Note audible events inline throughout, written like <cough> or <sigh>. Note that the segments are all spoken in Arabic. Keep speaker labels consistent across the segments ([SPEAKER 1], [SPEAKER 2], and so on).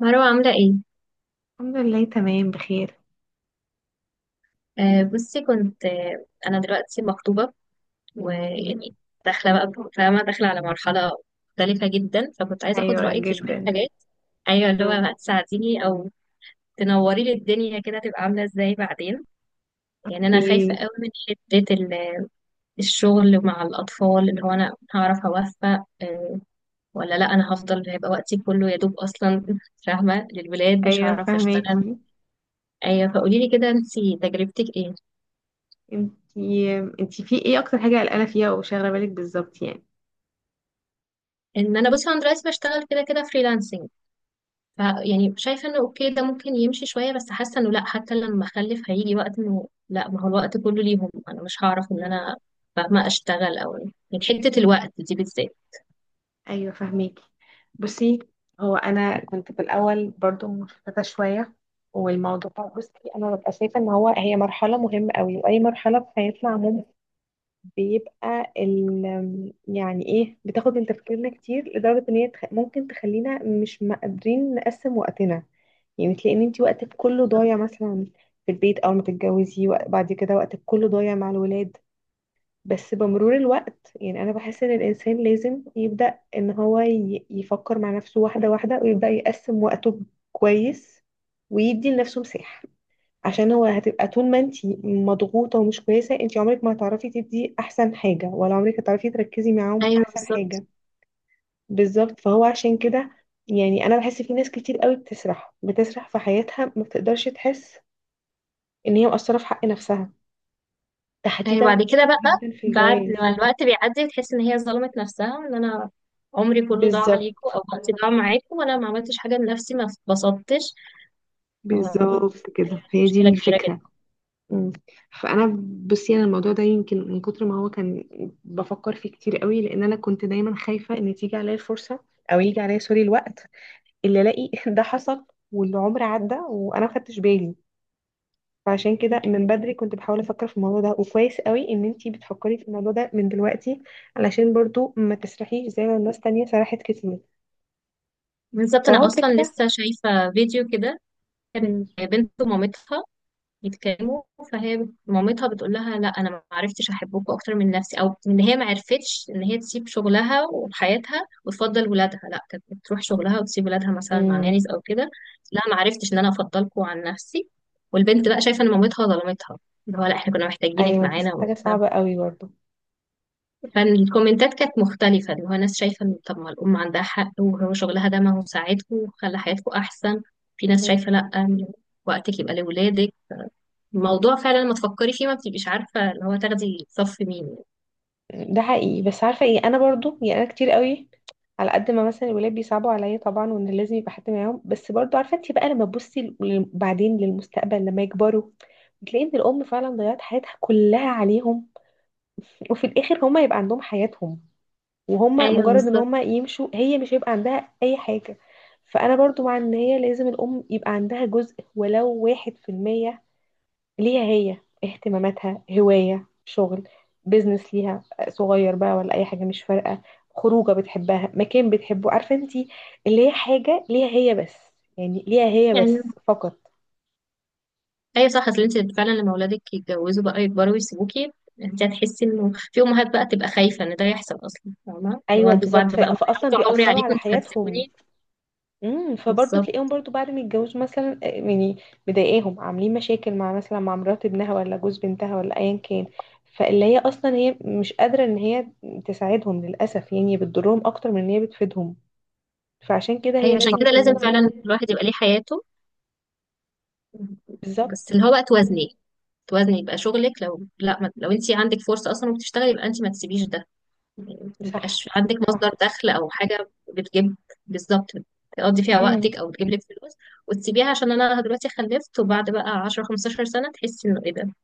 [SPEAKER 1] مروة عاملة ايه؟
[SPEAKER 2] الحمد لله، تمام بخير.
[SPEAKER 1] آه، بصي، كنت آه انا دلوقتي مخطوبة. ويعني داخلة بقى، فاهمة، داخلة على مرحلة مختلفة جدا، فكنت عايزة اخد
[SPEAKER 2] ايوه
[SPEAKER 1] رأيك في شوية
[SPEAKER 2] جدا.
[SPEAKER 1] حاجات. ايوه، اللي هو
[SPEAKER 2] مم.
[SPEAKER 1] بقى تساعديني او تنوري لي الدنيا كده تبقى عاملة ازاي بعدين. يعني انا خايفة
[SPEAKER 2] ايه.
[SPEAKER 1] قوي من حتة الشغل مع الاطفال، اللي هو انا هعرف اوفق ولا لا. انا هفضل، هيبقى وقتي كله يا دوب اصلا فاهمة للولاد، مش
[SPEAKER 2] ايوه
[SPEAKER 1] هعرف اشتغل.
[SPEAKER 2] فهماكي.
[SPEAKER 1] ايوه، فقولي لي كده، انتي تجربتك ايه؟
[SPEAKER 2] انتي في ايه اكتر حاجه قلقانه فيها وشاغله بالك بالظبط يعني؟
[SPEAKER 1] ان انا، بصي، انا دلوقتي بشتغل كده كده فريلانسنج. ف، يعني شايفه انه اوكي، ده ممكن يمشي شويه، بس حاسه انه لا، حتى لما اخلف هيجي وقت انه لا، ما هو الوقت كله ليهم، انا مش هعرف ان
[SPEAKER 2] مم.
[SPEAKER 1] انا فاهمه اشتغل، او يعني حته الوقت دي بالذات.
[SPEAKER 2] ايوه فهماكي. بصي، هو انا كنت في الاول برضو مشتته شويه، والموضوع بصي انا ببقى شايفه ان هو هي مرحله مهمه قوي، واي مرحله في حياتنا عموما بيبقى ال يعني ايه بتاخد من تفكيرنا كتير لدرجه ان هي ممكن تخلينا مش مقدرين نقسم وقتنا. يعني تلاقي ان انت وقتك كله ضايع مثلا في البيت اول ما تتجوزي، وبعد كده وقتك كله ضايع مع الولاد. بس بمرور الوقت، يعني انا بحس ان الانسان لازم يبدأ ان هو يفكر مع نفسه واحدة واحدة ويبدأ يقسم وقته كويس، ويدي لنفسه مساحة. عشان هو هتبقى طول ما انت مضغوطة ومش كويسة انت عمرك ما هتعرفي تدي احسن حاجة، ولا عمرك هتعرفي تركزي معاهم
[SPEAKER 1] ايوه،
[SPEAKER 2] احسن
[SPEAKER 1] بالظبط.
[SPEAKER 2] حاجة. بالظبط، فهو عشان كده يعني انا بحس في ناس كتير قوي بتسرح بتسرح في حياتها ما بتقدرش تحس ان هي مقصره في حق نفسها
[SPEAKER 1] ايوه،
[SPEAKER 2] تحديدا،
[SPEAKER 1] بعد كده بقى،
[SPEAKER 2] جدا في
[SPEAKER 1] بعد
[SPEAKER 2] الجواز.
[SPEAKER 1] ما الوقت بيعدي بتحس ان هي ظلمت نفسها، ان انا عمري كله ضاع عليكم،
[SPEAKER 2] بالظبط.
[SPEAKER 1] او وقتي ضاع معاكم، وانا ما عملتش حاجه لنفسي، ما اتبسطتش. ف-
[SPEAKER 2] بالظبط كده، هي دي
[SPEAKER 1] مشكله كبيره جدا.
[SPEAKER 2] الفكرة. مم. فانا، بصي انا الموضوع ده يمكن من كتر ما هو كان بفكر فيه كتير قوي، لان انا كنت دايما خايفه ان تيجي عليا الفرصه، او يجي عليا سوري الوقت اللي الاقي <laughs> ده حصل والعمر عدى وانا ما خدتش بالي. فعشان كده من بدري كنت بحاول افكر في الموضوع ده، وكويس قوي ان انتي بتفكري في الموضوع ده من دلوقتي، علشان برضو ما تسرحيش زي ما الناس تانية سرحت كتير.
[SPEAKER 1] بالظبط،
[SPEAKER 2] فهو
[SPEAKER 1] انا اصلا
[SPEAKER 2] الفكرة.
[SPEAKER 1] لسه شايفه فيديو كده، كانت
[SPEAKER 2] امم.
[SPEAKER 1] بنت مامتها يتكلموا. فهي مامتها بتقول لها: لا، انا ما عرفتش احبكم اكتر من نفسي، او ان هي ما عرفتش ان هي تسيب شغلها وحياتها وتفضل ولادها. لا، كانت بتروح شغلها وتسيب ولادها مثلا مع
[SPEAKER 2] امم.
[SPEAKER 1] نانيز او كده. لا، ما عرفتش ان انا افضلكم عن نفسي. والبنت بقى شايفه ان مامتها ظلمتها، اللي هو لا، احنا كنا محتاجينك
[SPEAKER 2] ايوه، دي
[SPEAKER 1] معانا
[SPEAKER 2] حاجة صعبة قوي برضو.
[SPEAKER 1] فالكومنتات كانت مختلفه، اللي هو ناس شايفه ان طب ما الام عندها حق، وهو شغلها ده ما هو ساعدكم وخلى حياتكم احسن. في ناس
[SPEAKER 2] مم.
[SPEAKER 1] شايفه لا، وقتك يبقى لولادك. الموضوع فعلا لما تفكري فيه ما بتبقيش عارفة اللي هو تاخدي صف مين يعني.
[SPEAKER 2] ده حقيقي، بس عارفة ايه، انا برضو يعني انا كتير قوي على قد ما مثلا الولاد بيصعبوا عليا طبعا، وان لازم يبقى حد معاهم، بس برضو عارفة انتي بقى لما تبصي بعدين للمستقبل لما يكبروا بتلاقي ان الام فعلا ضيعت حياتها كلها عليهم، وفي الاخر هما يبقى عندهم حياتهم، وهم
[SPEAKER 1] ايوه،
[SPEAKER 2] مجرد ان
[SPEAKER 1] بالظبط.
[SPEAKER 2] هم يمشوا هي مش هيبقى عندها اي حاجة. فانا برضو مع ان هي لازم الام يبقى عندها جزء ولو واحد في المية ليها هي، اهتماماتها، هواية، شغل، بيزنس ليها صغير بقى، ولا اي حاجة مش فارقة، خروجة بتحبها، مكان بتحبه، عارفة انتي، اللي هي حاجة ليها هي بس، يعني ليها هي
[SPEAKER 1] ايوه.
[SPEAKER 2] بس فقط.
[SPEAKER 1] ايوه، صح. اصل انت فعلا لما اولادك يتجوزوا بقى يكبروا ويسيبوكي، انت هتحسي انه في امهات بقى تبقى خايفة ان ده يحصل اصلا، فاهمة، لو
[SPEAKER 2] ايوه
[SPEAKER 1] انتوا بعد
[SPEAKER 2] بالظبط.
[SPEAKER 1] بقى ما
[SPEAKER 2] فاصلا
[SPEAKER 1] هيعطوا عمري
[SPEAKER 2] بيأثروا
[SPEAKER 1] عليكم
[SPEAKER 2] على
[SPEAKER 1] انتوا
[SPEAKER 2] حياتهم.
[SPEAKER 1] هتسيبوني.
[SPEAKER 2] امم. فبرضه
[SPEAKER 1] بالظبط.
[SPEAKER 2] تلاقيهم برضه بعد ما يتجوزوا مثلا يعني مضايقاهم عاملين مشاكل مع مثلا مع مرات ابنها، ولا جوز بنتها، ولا ايا كان. فاللي هي اصلا هي مش قادره ان هي تساعدهم للاسف، يعني بتضرهم اكتر من ان هي بتفيدهم. فعشان كده هي
[SPEAKER 1] ايوه، عشان
[SPEAKER 2] لازم
[SPEAKER 1] كده لازم
[SPEAKER 2] يكون دي.
[SPEAKER 1] فعلا الواحد يبقى ليه حياته. بس
[SPEAKER 2] بالظبط.
[SPEAKER 1] اللي هو بقى توازني، يبقى شغلك لو لا ما، لو انت عندك فرصة اصلا وبتشتغلي، يبقى انت ما تسيبيش ده.
[SPEAKER 2] صح.
[SPEAKER 1] ميبقاش عندك مصدر
[SPEAKER 2] صح.
[SPEAKER 1] دخل او حاجه بتجيب. بالظبط، تقضي فيها وقتك
[SPEAKER 2] امم.
[SPEAKER 1] او تجيب لك فلوس، وتسيبيها عشان انا دلوقتي خلفت، وبعد بقى 10 15 سنه تحسي انه ايه ده.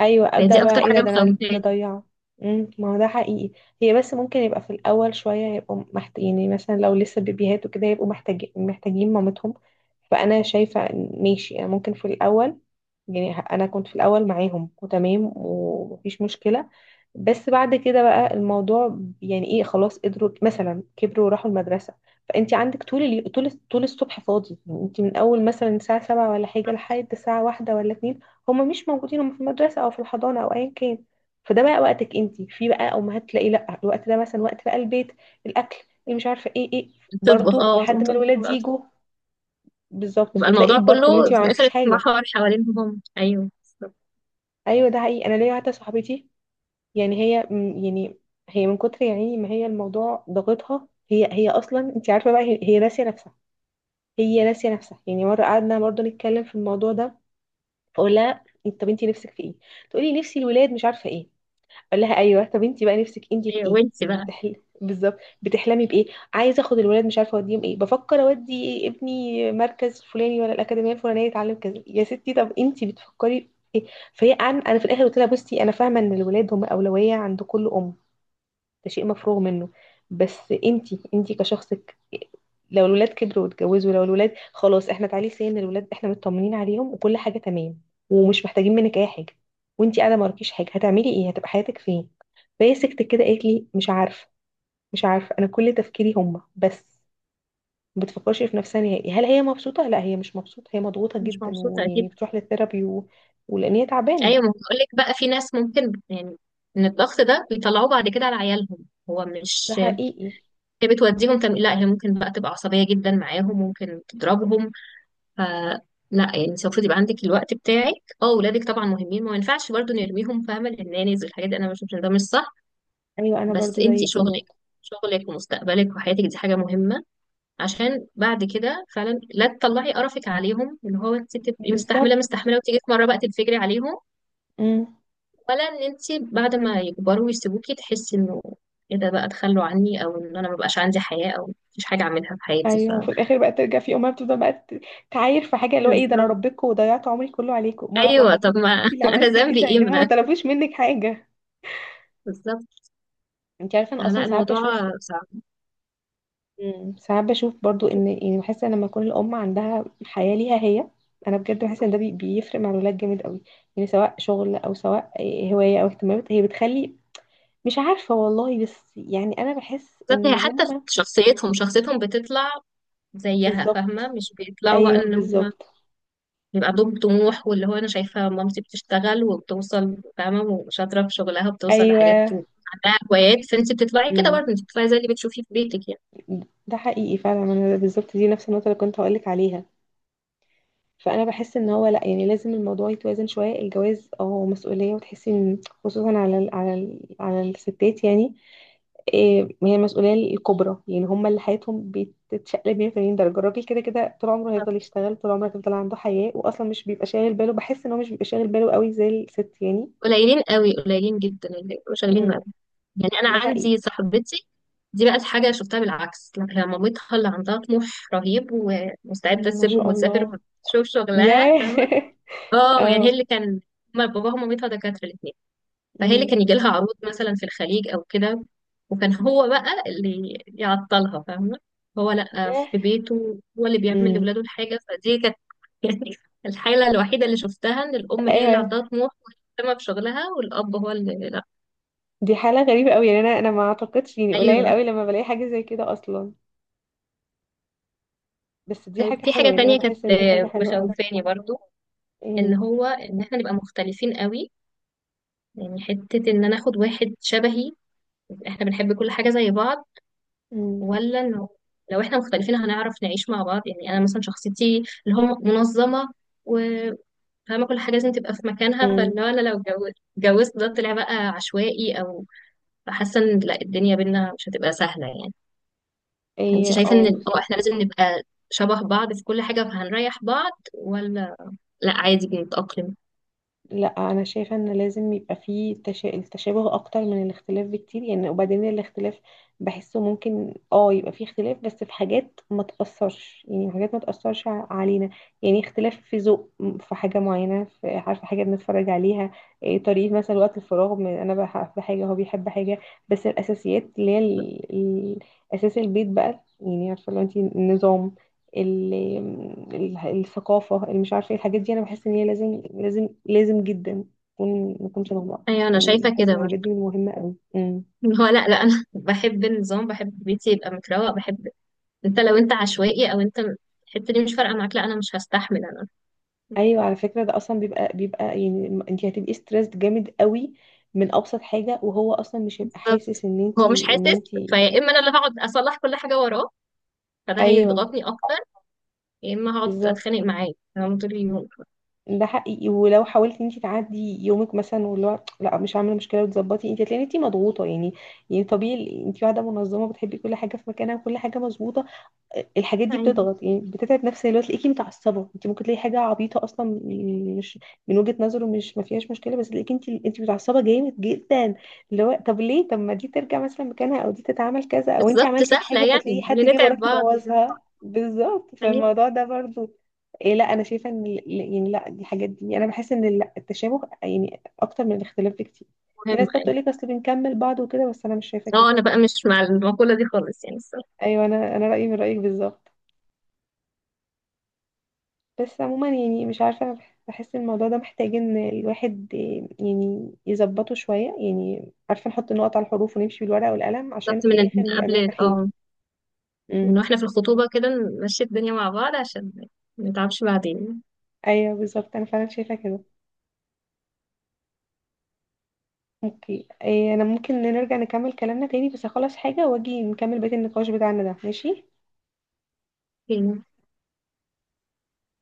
[SPEAKER 2] ايوه
[SPEAKER 1] هي
[SPEAKER 2] ابدا،
[SPEAKER 1] دي
[SPEAKER 2] بقى
[SPEAKER 1] اكتر
[SPEAKER 2] ايه ده،
[SPEAKER 1] حاجه
[SPEAKER 2] ده انا ده
[SPEAKER 1] مخوفاني.
[SPEAKER 2] ضيعه. امم، ما هو ده حقيقي. هي بس ممكن يبقى في الاول شويه يبقوا يعني مثلا لو لسه بيبيهات وكده يبقوا محتاجين مامتهم. فانا شايفه إن ماشي انا ممكن في الاول، يعني انا كنت في الاول معاهم وتمام ومفيش مشكله، بس بعد كده بقى الموضوع يعني ايه خلاص قدروا مثلا كبروا وراحوا المدرسه. فانت عندك طول طول الصبح فاضي، يعني انت من اول مثلا الساعه 7 ولا حاجه لحد الساعه واحدة ولا اتنين هما مش موجودين، هما في المدرسه او في الحضانه او ايا كان. فده بقى وقتك انت، في بقى امهات تلاقي لا الوقت ده مثلا وقت بقى البيت، الاكل، اللي مش عارفه ايه ايه،
[SPEAKER 1] تطبخ
[SPEAKER 2] برضو
[SPEAKER 1] اه تقوم
[SPEAKER 2] لحد ما
[SPEAKER 1] تطبخ
[SPEAKER 2] الولاد
[SPEAKER 1] بقى.
[SPEAKER 2] يجوا. بالظبط،
[SPEAKER 1] يبقى
[SPEAKER 2] فتلاقي
[SPEAKER 1] الموضوع كله
[SPEAKER 2] برضو ما انت ما
[SPEAKER 1] في الاخر
[SPEAKER 2] عملتيش حاجه.
[SPEAKER 1] اتمحور حوالينهم هم. ايوه، بالظبط.
[SPEAKER 2] ايوه ده حقيقي. انا ليا واحده صاحبتي، يعني هي يعني هي من كتر يعني ما هي الموضوع ضاغطها، هي هي اصلا انت عارفه بقى هي ناسيه نفسها. هي ناسيه نفسها، يعني مره قعدنا برضه نتكلم في الموضوع ده، فاقول لها طب انت نفسك في ايه؟ تقولي نفسي الولاد مش عارفه ايه. اقول لها ايوه طب انت بقى نفسك انت في
[SPEAKER 1] ايوه،
[SPEAKER 2] ايه
[SPEAKER 1] وانتي
[SPEAKER 2] يعني
[SPEAKER 1] بقى
[SPEAKER 2] بالظبط بتحلمي بايه؟ عايزه اخد الولاد مش عارفه اوديهم ايه، بفكر اودي ابني مركز فلاني ولا الاكاديميه الفلانيه يتعلم كذا. يا ستي طب انت بتفكري في ايه؟ فهي انا في الاخر قلت لها بصي انا فاهمه ان الولاد هم اولويه عند كل ام، ده شيء مفروغ منه، بس انتي انتي كشخصك لو الولاد كبروا واتجوزوا، لو الولاد خلاص احنا تعالي سن الولاد احنا مطمنين عليهم وكل حاجه تمام ومش محتاجين منك اي حاجه، وانتي قاعده ما وراكيش حاجه هتعملي ايه؟ هتبقى حياتك فين؟ فهي سكتت كده، قالت لي مش عارفه، مش عارفه انا كل تفكيري هما بس. ما بتفكرش في نفسها نهائي، هل هي مبسوطه؟ لا هي مش مبسوطه، هي مضغوطه
[SPEAKER 1] مش
[SPEAKER 2] جدا،
[SPEAKER 1] مبسوطه
[SPEAKER 2] ويعني
[SPEAKER 1] اكيد.
[SPEAKER 2] بتروح للثيرابي ولان هي تعبانه.
[SPEAKER 1] ايوه، ما بقول لك بقى في ناس ممكن يعني ان الضغط ده بيطلعوه بعد كده على عيالهم. هو
[SPEAKER 2] ده
[SPEAKER 1] مش،
[SPEAKER 2] حقيقي.
[SPEAKER 1] هي بتوديهم لا، هي ممكن بقى تبقى عصبية جدا معاهم، ممكن تضربهم. ف لا، يعني انت المفروض يبقى عندك الوقت بتاعك. اه، ولادك طبعا مهمين، ما ينفعش برضو نرميهم فاهمه للنانيز والحاجات دي، انا بشوف ان ده مش صح.
[SPEAKER 2] ايوه انا
[SPEAKER 1] بس
[SPEAKER 2] برضو
[SPEAKER 1] انت
[SPEAKER 2] زيك
[SPEAKER 1] شغلك
[SPEAKER 2] بالظبط.
[SPEAKER 1] شغلك ومستقبلك وحياتك دي حاجه مهمه. عشان بعد كده فعلا لا تطلعي قرفك عليهم، اللي هو انت تبقي مستحمله
[SPEAKER 2] بالظبط.
[SPEAKER 1] مستحمله وتيجي في مره بقى تنفجري عليهم.
[SPEAKER 2] مم.
[SPEAKER 1] ولا ان انت بعد ما يكبروا ويسيبوكي تحسي انه ايه ده بقى تخلوا عني، او ان انا ما بقاش عندي حياه، او مفيش حاجه اعملها في حياتي، ف.
[SPEAKER 2] ايوه، وفي الاخر بقى ترجع في امها، بتفضل بقى تعاير في حاجه، اللي هو ايه ده انا
[SPEAKER 1] بالظبط.
[SPEAKER 2] ربيتكم وضيعت عمري كله عليكم، ما
[SPEAKER 1] ايوه، طب
[SPEAKER 2] حضرتك
[SPEAKER 1] ما
[SPEAKER 2] انت اللي
[SPEAKER 1] <laughs> انا
[SPEAKER 2] عملتي
[SPEAKER 1] ذنبي
[SPEAKER 2] كده
[SPEAKER 1] ايه،
[SPEAKER 2] يعني، هما
[SPEAKER 1] ما
[SPEAKER 2] ما
[SPEAKER 1] أنا-
[SPEAKER 2] طلبوش منك حاجه.
[SPEAKER 1] بالظبط.
[SPEAKER 2] انت عارفه
[SPEAKER 1] آه،
[SPEAKER 2] انا اصلا
[SPEAKER 1] لا
[SPEAKER 2] ساعات
[SPEAKER 1] الموضوع
[SPEAKER 2] بشوف
[SPEAKER 1] صعب.
[SPEAKER 2] ساعات بشوف برضو ان يعني بحس ان لما يكون الام عندها حياه ليها هي، انا بجد بحس ان ده بيفرق مع الولاد جامد قوي، يعني سواء شغل او سواء هوايه او اهتمامات هي بتخلي، مش عارفه والله، بس يعني انا بحس
[SPEAKER 1] بالذات
[SPEAKER 2] ان
[SPEAKER 1] هي حتى في
[SPEAKER 2] هما
[SPEAKER 1] شخصيتهم بتطلع زيها، فاهمة،
[SPEAKER 2] بالظبط.
[SPEAKER 1] مش بيطلعوا بقى
[SPEAKER 2] ايوه
[SPEAKER 1] ان هم
[SPEAKER 2] بالظبط.
[SPEAKER 1] بيبقى عندهم طموح. واللي هو انا شايفة مامتي بتشتغل وبتوصل، فاهمة، وشاطرة في شغلها وبتوصل لحاجات
[SPEAKER 2] ايوه
[SPEAKER 1] وعندها هوايات. فانت بتطلعي كده برضه، انت بتطلعي زي اللي بتشوفيه في بيتك يعني.
[SPEAKER 2] ده حقيقي فعلا، ما انا بالظبط دي نفس النقطه اللي كنت هقولك عليها. فانا بحس ان هو لا، يعني لازم الموضوع يتوازن شويه، الجواز اه مسؤوليه وتحسي ان خصوصا على الستات يعني، إيه هي المسؤوليه الكبرى، يعني هم اللي حياتهم بتتشقلب 180 درجه. الراجل كده كده طول عمره هيفضل يشتغل، طول عمره هيفضل عنده حياه، واصلا مش بيبقى شاغل باله، بحس ان هو مش بيبقى شاغل باله قوي زي الست يعني.
[SPEAKER 1] قليلين قوي، قليلين جدا اللي بيبقوا شغالين
[SPEAKER 2] امم.
[SPEAKER 1] بقى. يعني انا
[SPEAKER 2] ده حقيقي.
[SPEAKER 1] عندي صاحبتي دي، بقت حاجة شفتها بالعكس، لا، هي مامتها اللي عندها طموح رهيب، ومستعدة
[SPEAKER 2] مم، ما
[SPEAKER 1] تسيبهم
[SPEAKER 2] شاء
[SPEAKER 1] وتسافر
[SPEAKER 2] الله.
[SPEAKER 1] وتشوف شغلها،
[SPEAKER 2] ياه
[SPEAKER 1] فاهمة.
[SPEAKER 2] <laughs>
[SPEAKER 1] اه، يعني هي
[SPEAKER 2] اه.
[SPEAKER 1] اللي كان، هما باباها ومامتها دكاترة الاتنين. فهي اللي
[SPEAKER 2] امم.
[SPEAKER 1] كان يجي لها عروض مثلا في الخليج او كده، وكان هو بقى اللي يعطلها، فاهمة. هو لأ،
[SPEAKER 2] ياه.
[SPEAKER 1] في بيته هو اللي بيعمل
[SPEAKER 2] امم.
[SPEAKER 1] لولاده الحاجة، فدي كانت <laughs> يعني الحالة الوحيدة اللي شفتها ان الأم هي اللي
[SPEAKER 2] ايوه
[SPEAKER 1] عندها طموح ومهتمة بشغلها، والأب هو اللي لأ.
[SPEAKER 2] دي حالة غريبة قوي، يعني انا ما اعتقدش، يعني قليل
[SPEAKER 1] أيوه.
[SPEAKER 2] قوي لما بلاقي حاجة زي كده اصلا. بس دي
[SPEAKER 1] طيب،
[SPEAKER 2] حاجة
[SPEAKER 1] في
[SPEAKER 2] حلوة،
[SPEAKER 1] حاجة
[SPEAKER 2] يعني انا
[SPEAKER 1] تانية
[SPEAKER 2] بحس
[SPEAKER 1] كانت
[SPEAKER 2] ان دي حاجة حلوة قوي.
[SPEAKER 1] مخوفاني برضو،
[SPEAKER 2] ايه.
[SPEAKER 1] ان احنا نبقى مختلفين قوي. يعني حتة ان انا اخد واحد شبهي، احنا بنحب كل حاجة زي بعض،
[SPEAKER 2] امم.
[SPEAKER 1] ولا انه لو احنا مختلفين هنعرف نعيش مع بعض. يعني انا مثلا شخصيتي اللي هو منظمه وفاهمه كل حاجه لازم تبقى في مكانها، فاللي
[SPEAKER 2] امم.
[SPEAKER 1] هو انا لو اتجوزت، ده طلع بقى عشوائي، او حاسه ان لا الدنيا بينا مش هتبقى سهله يعني. انت
[SPEAKER 2] ايه
[SPEAKER 1] شايفه ان
[SPEAKER 2] اه.
[SPEAKER 1] احنا لازم نبقى شبه بعض في كل حاجه فهنريح بعض، ولا لا، عادي بنتاقلم؟
[SPEAKER 2] لا انا شايفه ان لازم يبقى فيه التشابه اكتر من الاختلاف بكتير. يعني وبعدين الاختلاف بحسه ممكن اه يبقى فيه اختلاف، بس في حاجات ما تاثرش، يعني في حاجات ما تاثرش علينا. يعني اختلاف في ذوق في حاجه معينه، في عارفه حاجه بنتفرج عليها، إيه طريقه مثلا وقت الفراغ، من انا بحب حاجه هو بيحب حاجه. بس الاساسيات اللي هي اساس البيت بقى يعني عارفه لو انت النظام، ال- الثقافة، اللي مش عارفة ايه الحاجات دي، انا بحس ان هي لازم لازم لازم جدا نكون شبه بعض.
[SPEAKER 1] ايوه، انا
[SPEAKER 2] يعني
[SPEAKER 1] شايفه
[SPEAKER 2] بحس
[SPEAKER 1] كده
[SPEAKER 2] الحاجات دي
[SPEAKER 1] برضه.
[SPEAKER 2] مهمة قوي. امم.
[SPEAKER 1] اللي هو لا لا، انا <laughs> بحب النظام، بحب بيتي يبقى متروق، بحب. انت لو انت عشوائي او انت الحته دي مش فارقه معاك، لا انا مش هستحمل، انا.
[SPEAKER 2] ايوه على فكرة ده اصلا بيبقى يعني انت هتبقي ستريسد جامد قوي من ابسط حاجة، وهو اصلا مش هيبقى
[SPEAKER 1] بالظبط.
[SPEAKER 2] حاسس ان انت
[SPEAKER 1] هو مش حاسس
[SPEAKER 2] ان انت
[SPEAKER 1] فيا، اما انا اللي هقعد اصلح كل حاجه وراه، فده
[SPEAKER 2] ايوه
[SPEAKER 1] هيضغطني اكتر، يا اما هقعد
[SPEAKER 2] بالظبط.
[SPEAKER 1] اتخانق معاه تمام طول اليوم.
[SPEAKER 2] ده حقيقي، ولو حاولتي انت تعدي يومك مثلا واللي هو لا مش عامله مشكله وتظبطي انت هتلاقي انت مضغوطه يعني. يعني طبيعي انت واحده منظمه بتحبي كل حاجه في مكانها وكل حاجه مظبوطه، الحاجات دي
[SPEAKER 1] يعني
[SPEAKER 2] بتضغط يعني بتتعب نفسيا لو تلاقيكي متعصبه، انت ممكن تلاقي حاجه عبيطه اصلا، يعني مش من وجهه نظره مش ما فيهاش مشكله، بس تلاقيكي انت انت متعصبه جامد جدا، اللي هو طب ليه طب ما دي ترجع مثلا مكانها، او دي تتعمل كذا، او انت
[SPEAKER 1] بالظبط.
[SPEAKER 2] عملتي
[SPEAKER 1] سهله
[SPEAKER 2] الحاجه فتلاقي
[SPEAKER 1] يعني،
[SPEAKER 2] حد
[SPEAKER 1] اللي
[SPEAKER 2] جه
[SPEAKER 1] نتعب
[SPEAKER 2] وراكي
[SPEAKER 1] بعض،
[SPEAKER 2] بوظها، بالظبط
[SPEAKER 1] يعني
[SPEAKER 2] فالموضوع ده برضو. إيه لا انا شايفه ان يعني لا دي حاجات دي انا بحس ان التشابه يعني اكتر من الاختلاف بكتير. في
[SPEAKER 1] مهم
[SPEAKER 2] ناس بقى بتقول
[SPEAKER 1] يعني.
[SPEAKER 2] لك اصل بنكمل بعض وكده بس انا مش شايفه كده.
[SPEAKER 1] اه، انا بقى مش مع المقوله دي خالص يعني، الصراحه.
[SPEAKER 2] ايوه انا رايي من رايك بالظبط. بس عموما يعني مش عارفة بحس الموضوع ده محتاج ان الواحد يعني يظبطه شوية، يعني عارفة نحط النقط على الحروف ونمشي بالورقة والقلم عشان
[SPEAKER 1] بالظبط،
[SPEAKER 2] في
[SPEAKER 1] من
[SPEAKER 2] الآخر
[SPEAKER 1] من
[SPEAKER 2] نبقى
[SPEAKER 1] قبل،
[SPEAKER 2] مرتاحين.
[SPEAKER 1] من
[SPEAKER 2] امم.
[SPEAKER 1] واحنا في الخطوبه كده، نمشي الدنيا مع بعض عشان ما نتعبش بعدين.
[SPEAKER 2] ايوه بالظبط انا فعلا شايفة كده. اوكي إيه انا ممكن نرجع نكمل كلامنا تاني، بس اخلص حاجة واجي نكمل بقية النقاش بتاعنا ده. ماشي؟